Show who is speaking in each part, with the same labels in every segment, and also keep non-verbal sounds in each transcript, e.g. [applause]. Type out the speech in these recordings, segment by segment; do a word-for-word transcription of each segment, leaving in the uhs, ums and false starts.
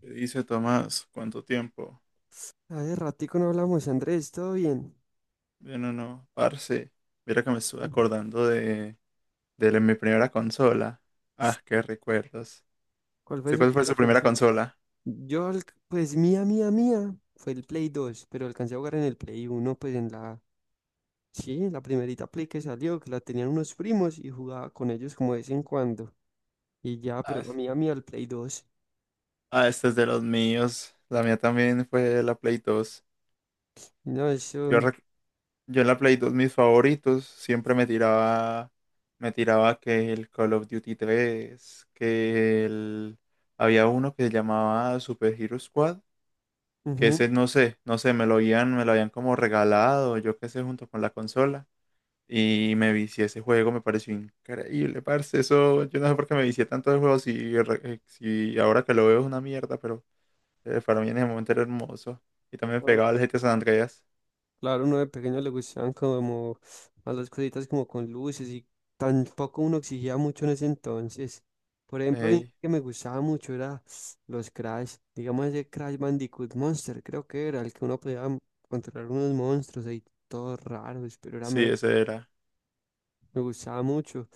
Speaker 1: ¿Qué dice Tomás? ¿Cuánto tiempo?
Speaker 2: Hace ratico no hablamos, Andrés, ¿todo bien?
Speaker 1: Bien o no, parce. Mira que me estuve
Speaker 2: Bien.
Speaker 1: acordando de, de la- mi primera consola. Ah, qué recuerdos.
Speaker 2: ¿Cuál fue
Speaker 1: ¿Sé
Speaker 2: su
Speaker 1: cuál fue
Speaker 2: primera
Speaker 1: su primera
Speaker 2: consola?
Speaker 1: consola?
Speaker 2: Yo, al- pues mía, mía, mía, fue el Play dos, pero alcancé a jugar en el Play uno, pues en la, sí, en la primerita Play que salió, que la tenían unos primos y jugaba con ellos como de vez en cuando. Y ya,
Speaker 1: Ah,
Speaker 2: pero la
Speaker 1: es-
Speaker 2: mía, mía, el Play dos.
Speaker 1: ah, esta es de los míos. La mía también fue la Play dos.
Speaker 2: No,
Speaker 1: Yo,
Speaker 2: eso.
Speaker 1: rec- yo en la Play dos mis favoritos siempre me tiraba, me tiraba que el Call of Duty tres, que el, había uno que se llamaba Super Hero Squad, que
Speaker 2: Ujú.
Speaker 1: ese no sé, no sé, me lo habían, me lo habían como regalado, yo qué sé, junto con la consola. Y me vicié ese juego, me pareció increíble, parce. Eso, yo no sé por qué me vicié tanto de juego, si, re- eh, si ahora que lo veo es una mierda, pero eh, para mí en ese momento era hermoso. Y también pegaba al G T A San Andreas.
Speaker 2: Claro, uno de pequeño le gustaban como a las cositas como con luces y tampoco uno exigía mucho en ese entonces. Por ejemplo, a mí
Speaker 1: Ey,
Speaker 2: que me gustaba mucho era los Crash, digamos ese Crash Bandicoot Monster, creo que era el que uno podía m- controlar unos monstruos ahí todos raros, pero era
Speaker 1: sí,
Speaker 2: me,
Speaker 1: ese era.
Speaker 2: me gustaba mucho.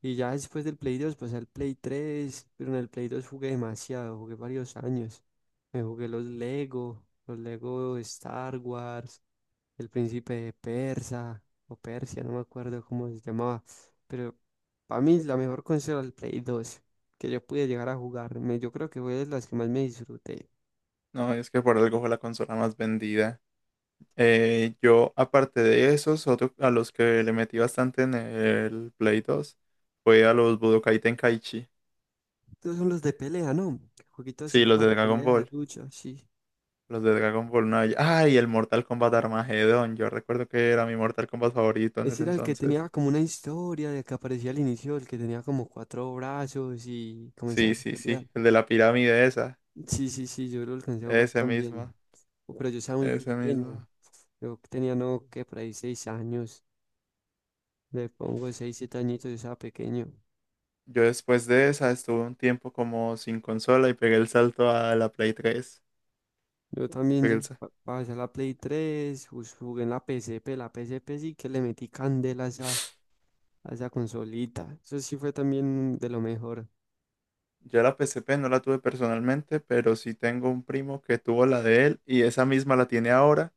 Speaker 2: Y ya después del Play dos pasé al Play tres, pero en el Play dos jugué demasiado, jugué varios años. Me jugué los Lego, los Lego Star Wars, el príncipe de Persa o Persia, no me acuerdo cómo se llamaba, pero para mí la mejor consola el Play dos que yo pude llegar a jugar, me- yo creo que fue de las que más me disfruté.
Speaker 1: No, es que por algo fue la consola más vendida. Eh, yo, aparte de esos, otro a los que le metí bastante en el Play dos fue a los Budokai Tenkaichi.
Speaker 2: Estos son los de pelea, ¿no? Jueguitos así
Speaker 1: Sí, los
Speaker 2: como
Speaker 1: de
Speaker 2: de
Speaker 1: Dragon
Speaker 2: pelea, de
Speaker 1: Ball.
Speaker 2: lucha, sí.
Speaker 1: Los de Dragon Ball no Ay, el Mortal Kombat Armageddon. Yo recuerdo que era mi Mortal Kombat favorito en
Speaker 2: Ese
Speaker 1: ese
Speaker 2: era el que
Speaker 1: entonces.
Speaker 2: tenía como una historia de que aparecía al inicio, el que tenía como cuatro brazos y
Speaker 1: Sí,
Speaker 2: comenzaban a
Speaker 1: sí,
Speaker 2: pelear.
Speaker 1: sí. El de la pirámide esa.
Speaker 2: Sí, sí, sí, yo lo alcancé a jugar
Speaker 1: Ese mismo.
Speaker 2: también, pero yo estaba muy
Speaker 1: Ese
Speaker 2: pequeño,
Speaker 1: mismo.
Speaker 2: yo tenía no, que por ahí seis años. Le pongo seis siete añitos, yo estaba pequeño.
Speaker 1: Yo después de esa estuve un tiempo como sin consola y pegué el salto a la Play tres.
Speaker 2: Yo también
Speaker 1: Pegué el
Speaker 2: lle-
Speaker 1: sa-
Speaker 2: pa- pasé a la Play tres, jus- jugué en la P S P. La P S P sí que le metí candela a esa, a esa consolita. Eso sí fue también de lo mejor.
Speaker 1: Yo la P S P no la tuve personalmente, pero sí tengo un primo que tuvo la de él y esa misma la tiene ahora.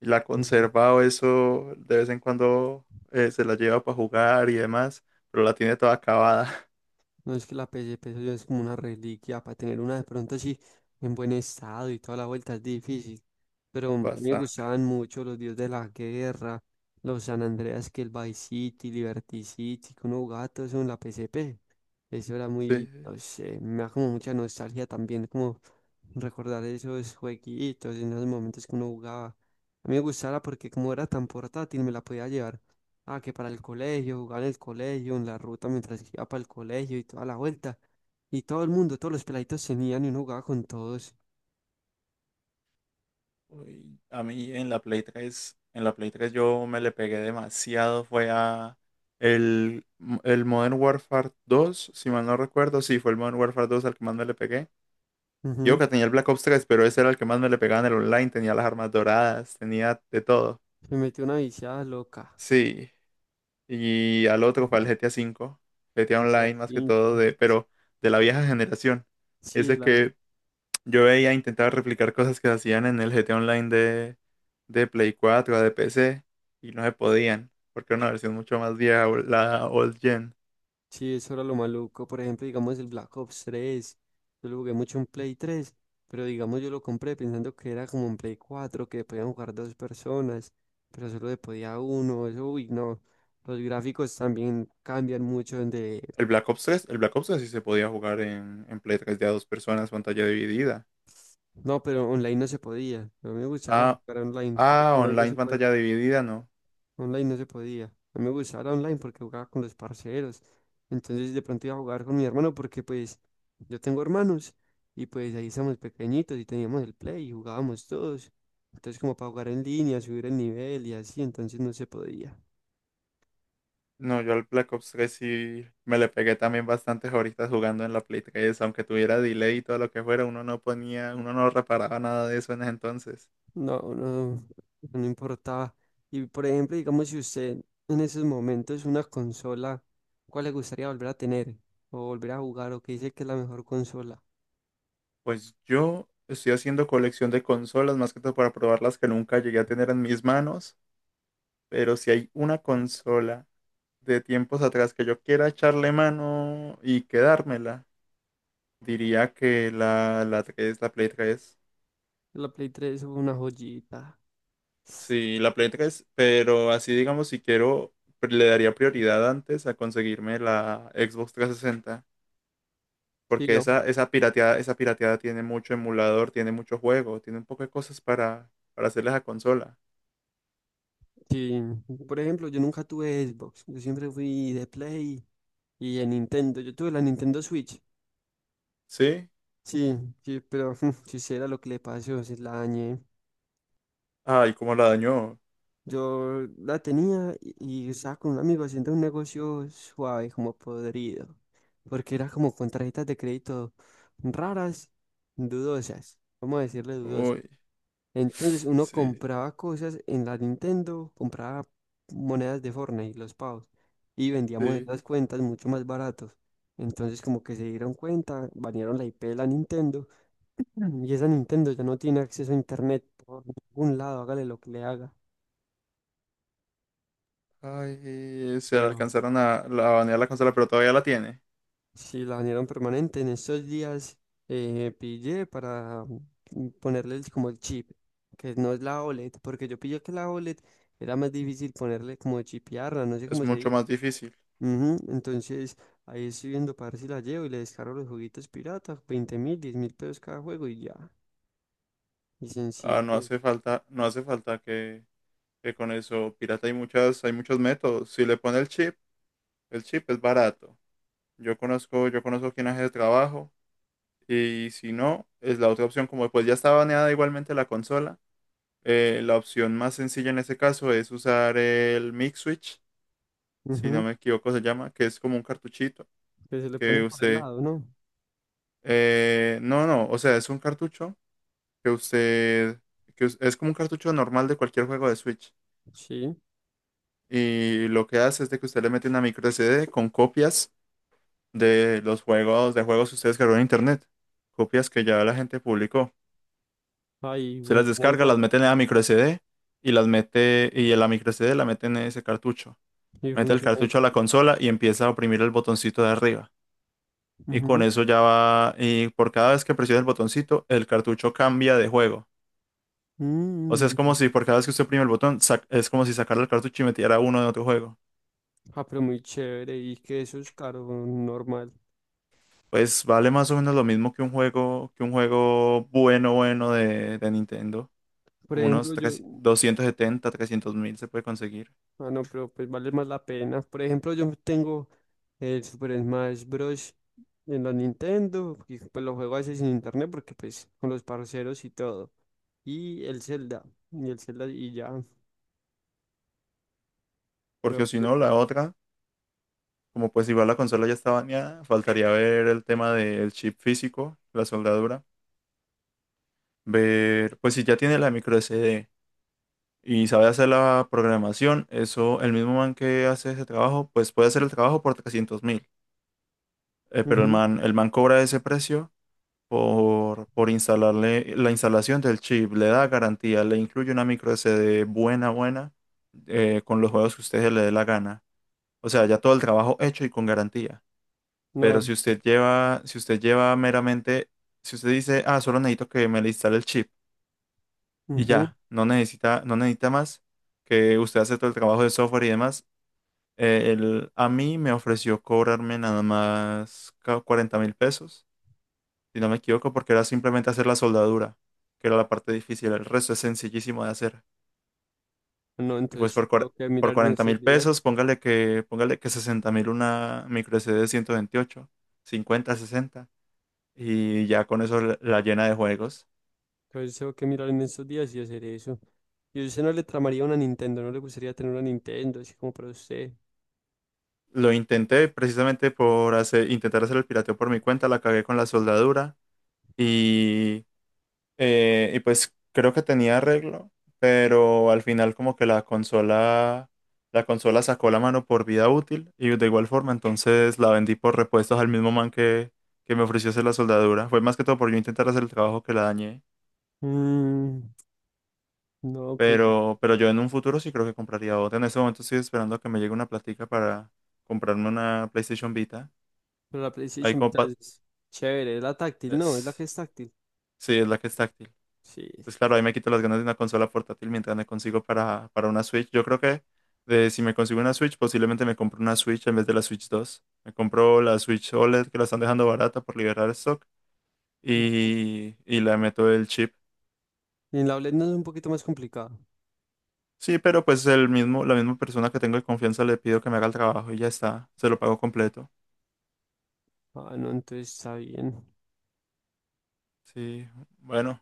Speaker 1: Y la ha
Speaker 2: [laughs]
Speaker 1: conservado. Eso de vez en cuando, eh, se la lleva para jugar y demás, pero la tiene toda acabada. [laughs]
Speaker 2: No, es que la P S P eso ya es como una reliquia. Para tener una de pronto así en buen estado y toda la vuelta es difícil. Pero a mí me
Speaker 1: Bastante,
Speaker 2: gustaban mucho los Dios de la Guerra, los San Andreas, que el Vice City, Liberty City, que uno jugaba todo eso en la P S P. Eso era muy,
Speaker 1: sí.
Speaker 2: no sé, me da como mucha nostalgia también, como recordar esos jueguitos en los momentos que uno jugaba. A mí me gustaba porque como era tan portátil, me la podía llevar. Ah, que para el colegio, jugar en el colegio, en la ruta mientras iba para el colegio y toda la vuelta. Y todo el mundo, todos los peladitos tenían y uno jugaba con todos.
Speaker 1: Uy, a mí en la Play tres en la Play tres yo me le pegué demasiado, fue a el, el Modern Warfare dos, si mal no recuerdo, sí, fue el Modern Warfare dos al que más me le pegué. Yo
Speaker 2: Ujú.
Speaker 1: que tenía el Black Ops tres, pero ese era el que más me le pegaba en el online, tenía las armas doradas, tenía de todo.
Speaker 2: Me metió una viciada loca.
Speaker 1: Sí, y al otro fue el G T A cinco, G T A
Speaker 2: G T A
Speaker 1: Online más que todo,
Speaker 2: cinco.
Speaker 1: de, pero de la vieja generación.
Speaker 2: Sí,
Speaker 1: Ese
Speaker 2: la...
Speaker 1: que Yo veía, intentaba replicar cosas que se hacían en el G T Online de, de Play cuatro o de P C, y no se podían, porque era una versión mucho más vieja, o- la old gen.
Speaker 2: Sí, eso era lo maluco. Por ejemplo, digamos el Black Ops tres, yo lo jugué mucho en Play tres, pero digamos yo lo compré pensando que era como en Play cuatro que podían jugar dos personas, pero solo se podía uno. Eso, uy, no. Los gráficos también cambian mucho de...
Speaker 1: El Black Ops tres, el Black Ops tres sí se podía jugar en, en Play tres de a dos personas, pantalla dividida.
Speaker 2: No, pero online no se podía. No me gustara
Speaker 1: Ah,
Speaker 2: jugar online. Creo
Speaker 1: ah,
Speaker 2: que online no
Speaker 1: online
Speaker 2: se podía.
Speaker 1: pantalla dividida, no.
Speaker 2: Online no se podía. No me gustara online porque jugaba con los parceros. Entonces de pronto iba a jugar con mi hermano porque pues yo tengo hermanos y pues ahí estamos pequeñitos y teníamos el play y jugábamos todos. Entonces como para jugar en línea, subir el nivel y así, entonces no se podía.
Speaker 1: No, yo al Black Ops tres sí me le pegué también bastantes horitas jugando en la Play tres, aunque tuviera delay y todo lo que fuera, uno no ponía, uno no reparaba nada de eso en ese entonces.
Speaker 2: No, no, no importaba. Y por ejemplo, digamos, si usted en esos momentos una consola, ¿cuál le gustaría volver a tener? O volver a jugar, o que dice que es la mejor consola.
Speaker 1: Pues yo estoy haciendo colección de consolas, más que todo para probar las que nunca llegué a tener en mis manos, pero si hay una consola de tiempos atrás que yo quiera echarle mano y quedármela, diría que la, la tres, la Play tres.
Speaker 2: La Play tres fue una joyita.
Speaker 1: Sí, la Play tres, pero así digamos, si quiero, pr- le daría prioridad antes a conseguirme la Xbox trescientos sesenta,
Speaker 2: Sí,
Speaker 1: porque
Speaker 2: yo-
Speaker 1: esa, esa pirateada, esa pirateada tiene mucho emulador, tiene mucho juego, tiene un poco de cosas para, para hacerle a esa consola.
Speaker 2: sí, Por ejemplo, yo nunca tuve Xbox. Yo siempre fui de Play y de Nintendo. Yo tuve la Nintendo Switch.
Speaker 1: Sí.
Speaker 2: Sí, sí, pero [laughs] si era lo que le pasó, se la dañé.
Speaker 1: Ay, cómo la dañó.
Speaker 2: Yo la tenía, y, y estaba con un amigo haciendo un negocio suave, como podrido, porque era como con tarjetas de crédito raras, dudosas, vamos a decirle dudosas.
Speaker 1: Uy,
Speaker 2: Entonces uno
Speaker 1: sí,
Speaker 2: compraba cosas en la Nintendo, compraba monedas de Fortnite, los pavos, y vendíamos
Speaker 1: sí.
Speaker 2: esas cuentas mucho más baratos. Entonces como que se dieron cuenta, banearon la I P de la Nintendo, [clears throat] y esa Nintendo ya no tiene acceso a internet por ningún lado, hágale lo que le haga.
Speaker 1: Ay, se la alcanzaron a la a banear la consola, pero todavía la tiene.
Speaker 2: Sí, la banearon permanente. En estos días eh, pillé para mm, ponerle el- como el chip, que no es la O LED, porque yo pillé que la O LED era más difícil ponerle, como chipearla, no sé
Speaker 1: Es
Speaker 2: cómo se
Speaker 1: mucho
Speaker 2: dice.
Speaker 1: más difícil.
Speaker 2: Ujú. Entonces ahí estoy viendo para ver si la llevo y le descargo los juguitos piratas, veinte mil, diez mil pesos cada juego y ya. Y
Speaker 1: Ah, no
Speaker 2: sencillo.
Speaker 1: hace falta, no hace falta que, que con eso pirata hay muchas, hay muchos métodos. Si le pone el chip, el chip es barato. Yo conozco, yo conozco quién hace el trabajo, y si no, es la otra opción. Como pues ya está baneada igualmente la consola, eh, la opción más sencilla en ese caso es usar el Mix Switch, si no
Speaker 2: Ujú.
Speaker 1: me equivoco se llama, que es como un cartuchito.
Speaker 2: ¿Que se le pone
Speaker 1: que
Speaker 2: por el
Speaker 1: usted,
Speaker 2: lado, no?
Speaker 1: eh, no, no, o sea, es un cartucho que usted, que us- es como un cartucho normal de cualquier juego de Switch.
Speaker 2: Sí.
Speaker 1: Y lo que hace es de que usted le mete una micro S D con copias de los juegos, de juegos que usted descargó en internet, copias que ya la gente publicó.
Speaker 2: Ahí
Speaker 1: Se las
Speaker 2: funciona
Speaker 1: descarga, las
Speaker 2: igual.
Speaker 1: mete en la micro S D, y las mete, y en la micro S D la mete en ese cartucho.
Speaker 2: Y
Speaker 1: Mete el
Speaker 2: funciona
Speaker 1: cartucho a
Speaker 2: igual.
Speaker 1: la consola y empieza a oprimir el botoncito de arriba. Y con
Speaker 2: Ujú.
Speaker 1: eso ya va, y por cada vez que presiona el botoncito, el cartucho cambia de juego. O sea, es
Speaker 2: Mm.
Speaker 1: como si por cada vez que usted oprime el botón, sac- es como si sacara el cartucho y metiera uno de otro juego.
Speaker 2: Ah, pero muy chévere. ¿Y que eso es caro, normal?
Speaker 1: Pues vale más o menos lo mismo que un juego, que un juego bueno, bueno de, de Nintendo.
Speaker 2: Por
Speaker 1: Como unos
Speaker 2: ejemplo, yo...
Speaker 1: tres- doscientos setenta, trescientos mil se puede conseguir.
Speaker 2: Ah, no, pero pues vale más la pena. Por ejemplo, yo tengo el Super Smash Bros. En la Nintendo, y pues lo juego a veces sin internet porque pues con los parceros y todo. Y el Zelda, y el Zelda y ya. Pero,
Speaker 1: Porque si
Speaker 2: pues,
Speaker 1: no, la otra, como pues igual la consola ya está baneada, faltaría ver el tema del chip físico, la soldadura. Ver, pues si ya tiene la micro S D y sabe hacer la programación, eso, el mismo man que hace ese trabajo, pues puede hacer el trabajo por trescientos mil. Eh, pero el
Speaker 2: ujú,
Speaker 1: man, el man cobra ese precio por, por instalarle la instalación del chip, le da garantía, le incluye una micro S D buena, buena, eh, con los juegos que usted le dé la gana. O sea, ya todo el trabajo hecho y con garantía.
Speaker 2: no,
Speaker 1: Pero si usted lleva, si usted lleva meramente, si usted dice, ah, solo necesito que me le instale el chip y
Speaker 2: ujú,
Speaker 1: ya, no necesita, no necesita más, que usted hace todo el trabajo de software y demás, eh, él a mí me ofreció cobrarme nada más cuarenta mil pesos, si no me equivoco, porque era simplemente hacer la soldadura, que era la parte difícil, el resto es sencillísimo de hacer.
Speaker 2: no,
Speaker 1: Y pues
Speaker 2: entonces
Speaker 1: por,
Speaker 2: tengo
Speaker 1: cuar-
Speaker 2: que
Speaker 1: por
Speaker 2: mirar en
Speaker 1: cuarenta
Speaker 2: estos
Speaker 1: mil
Speaker 2: días.
Speaker 1: pesos, póngale que, póngale que sesenta mil, una micro S D de ciento veintiocho, cincuenta, sesenta, y ya con eso la la llena de juegos.
Speaker 2: Entonces tengo que mirar en estos días y hacer eso. Y usted no le tramaría una Nintendo, no le gustaría tener una Nintendo, así como para usted.
Speaker 1: Lo intenté precisamente por hacer, intentar hacer el pirateo por mi cuenta, la cagué con la soldadura, y Eh, y pues creo que tenía arreglo, pero al final como que la consola, la consola sacó la mano por vida útil, y de igual forma entonces la vendí por repuestos al mismo man que, que me ofreció hacer la soldadura. Fue más que todo por yo intentar hacer el trabajo que la dañé,
Speaker 2: Mm, no, pues,
Speaker 1: pero, pero yo en un futuro sí creo que compraría otra. En este momento estoy esperando a que me llegue una platica para comprarme una PlayStation Vita.
Speaker 2: pero la
Speaker 1: Ahí
Speaker 2: PlayStation
Speaker 1: como
Speaker 2: Vita
Speaker 1: pa-
Speaker 2: es chévere, es la táctil, no, es la que
Speaker 1: es-
Speaker 2: es táctil.
Speaker 1: sí, es la que es táctil.
Speaker 2: Sí.
Speaker 1: Pues claro, ahí me quito las ganas de una consola portátil mientras me consigo para, para una Switch. Yo creo que de, si me consigo una Switch, posiblemente me compro una Switch en vez de la Switch dos. Me compro la Switch OLED que la están dejando barata por liberar stock, y, y le meto el chip.
Speaker 2: ¿Y en la O LED no es un poquito más complicado?
Speaker 1: Sí, pero pues el mismo, la misma persona que tengo de confianza le pido que me haga el trabajo y ya está, se lo pago completo.
Speaker 2: Ah, no, entonces está bien.
Speaker 1: Sí, bueno,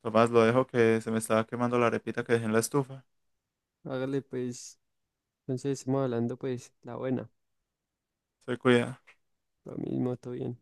Speaker 1: Tomás, lo dejo que se me estaba quemando la arepita que dejé en la estufa.
Speaker 2: Hágale pues, entonces estamos hablando pues la buena,
Speaker 1: Se cuida.
Speaker 2: lo mismo, todo bien.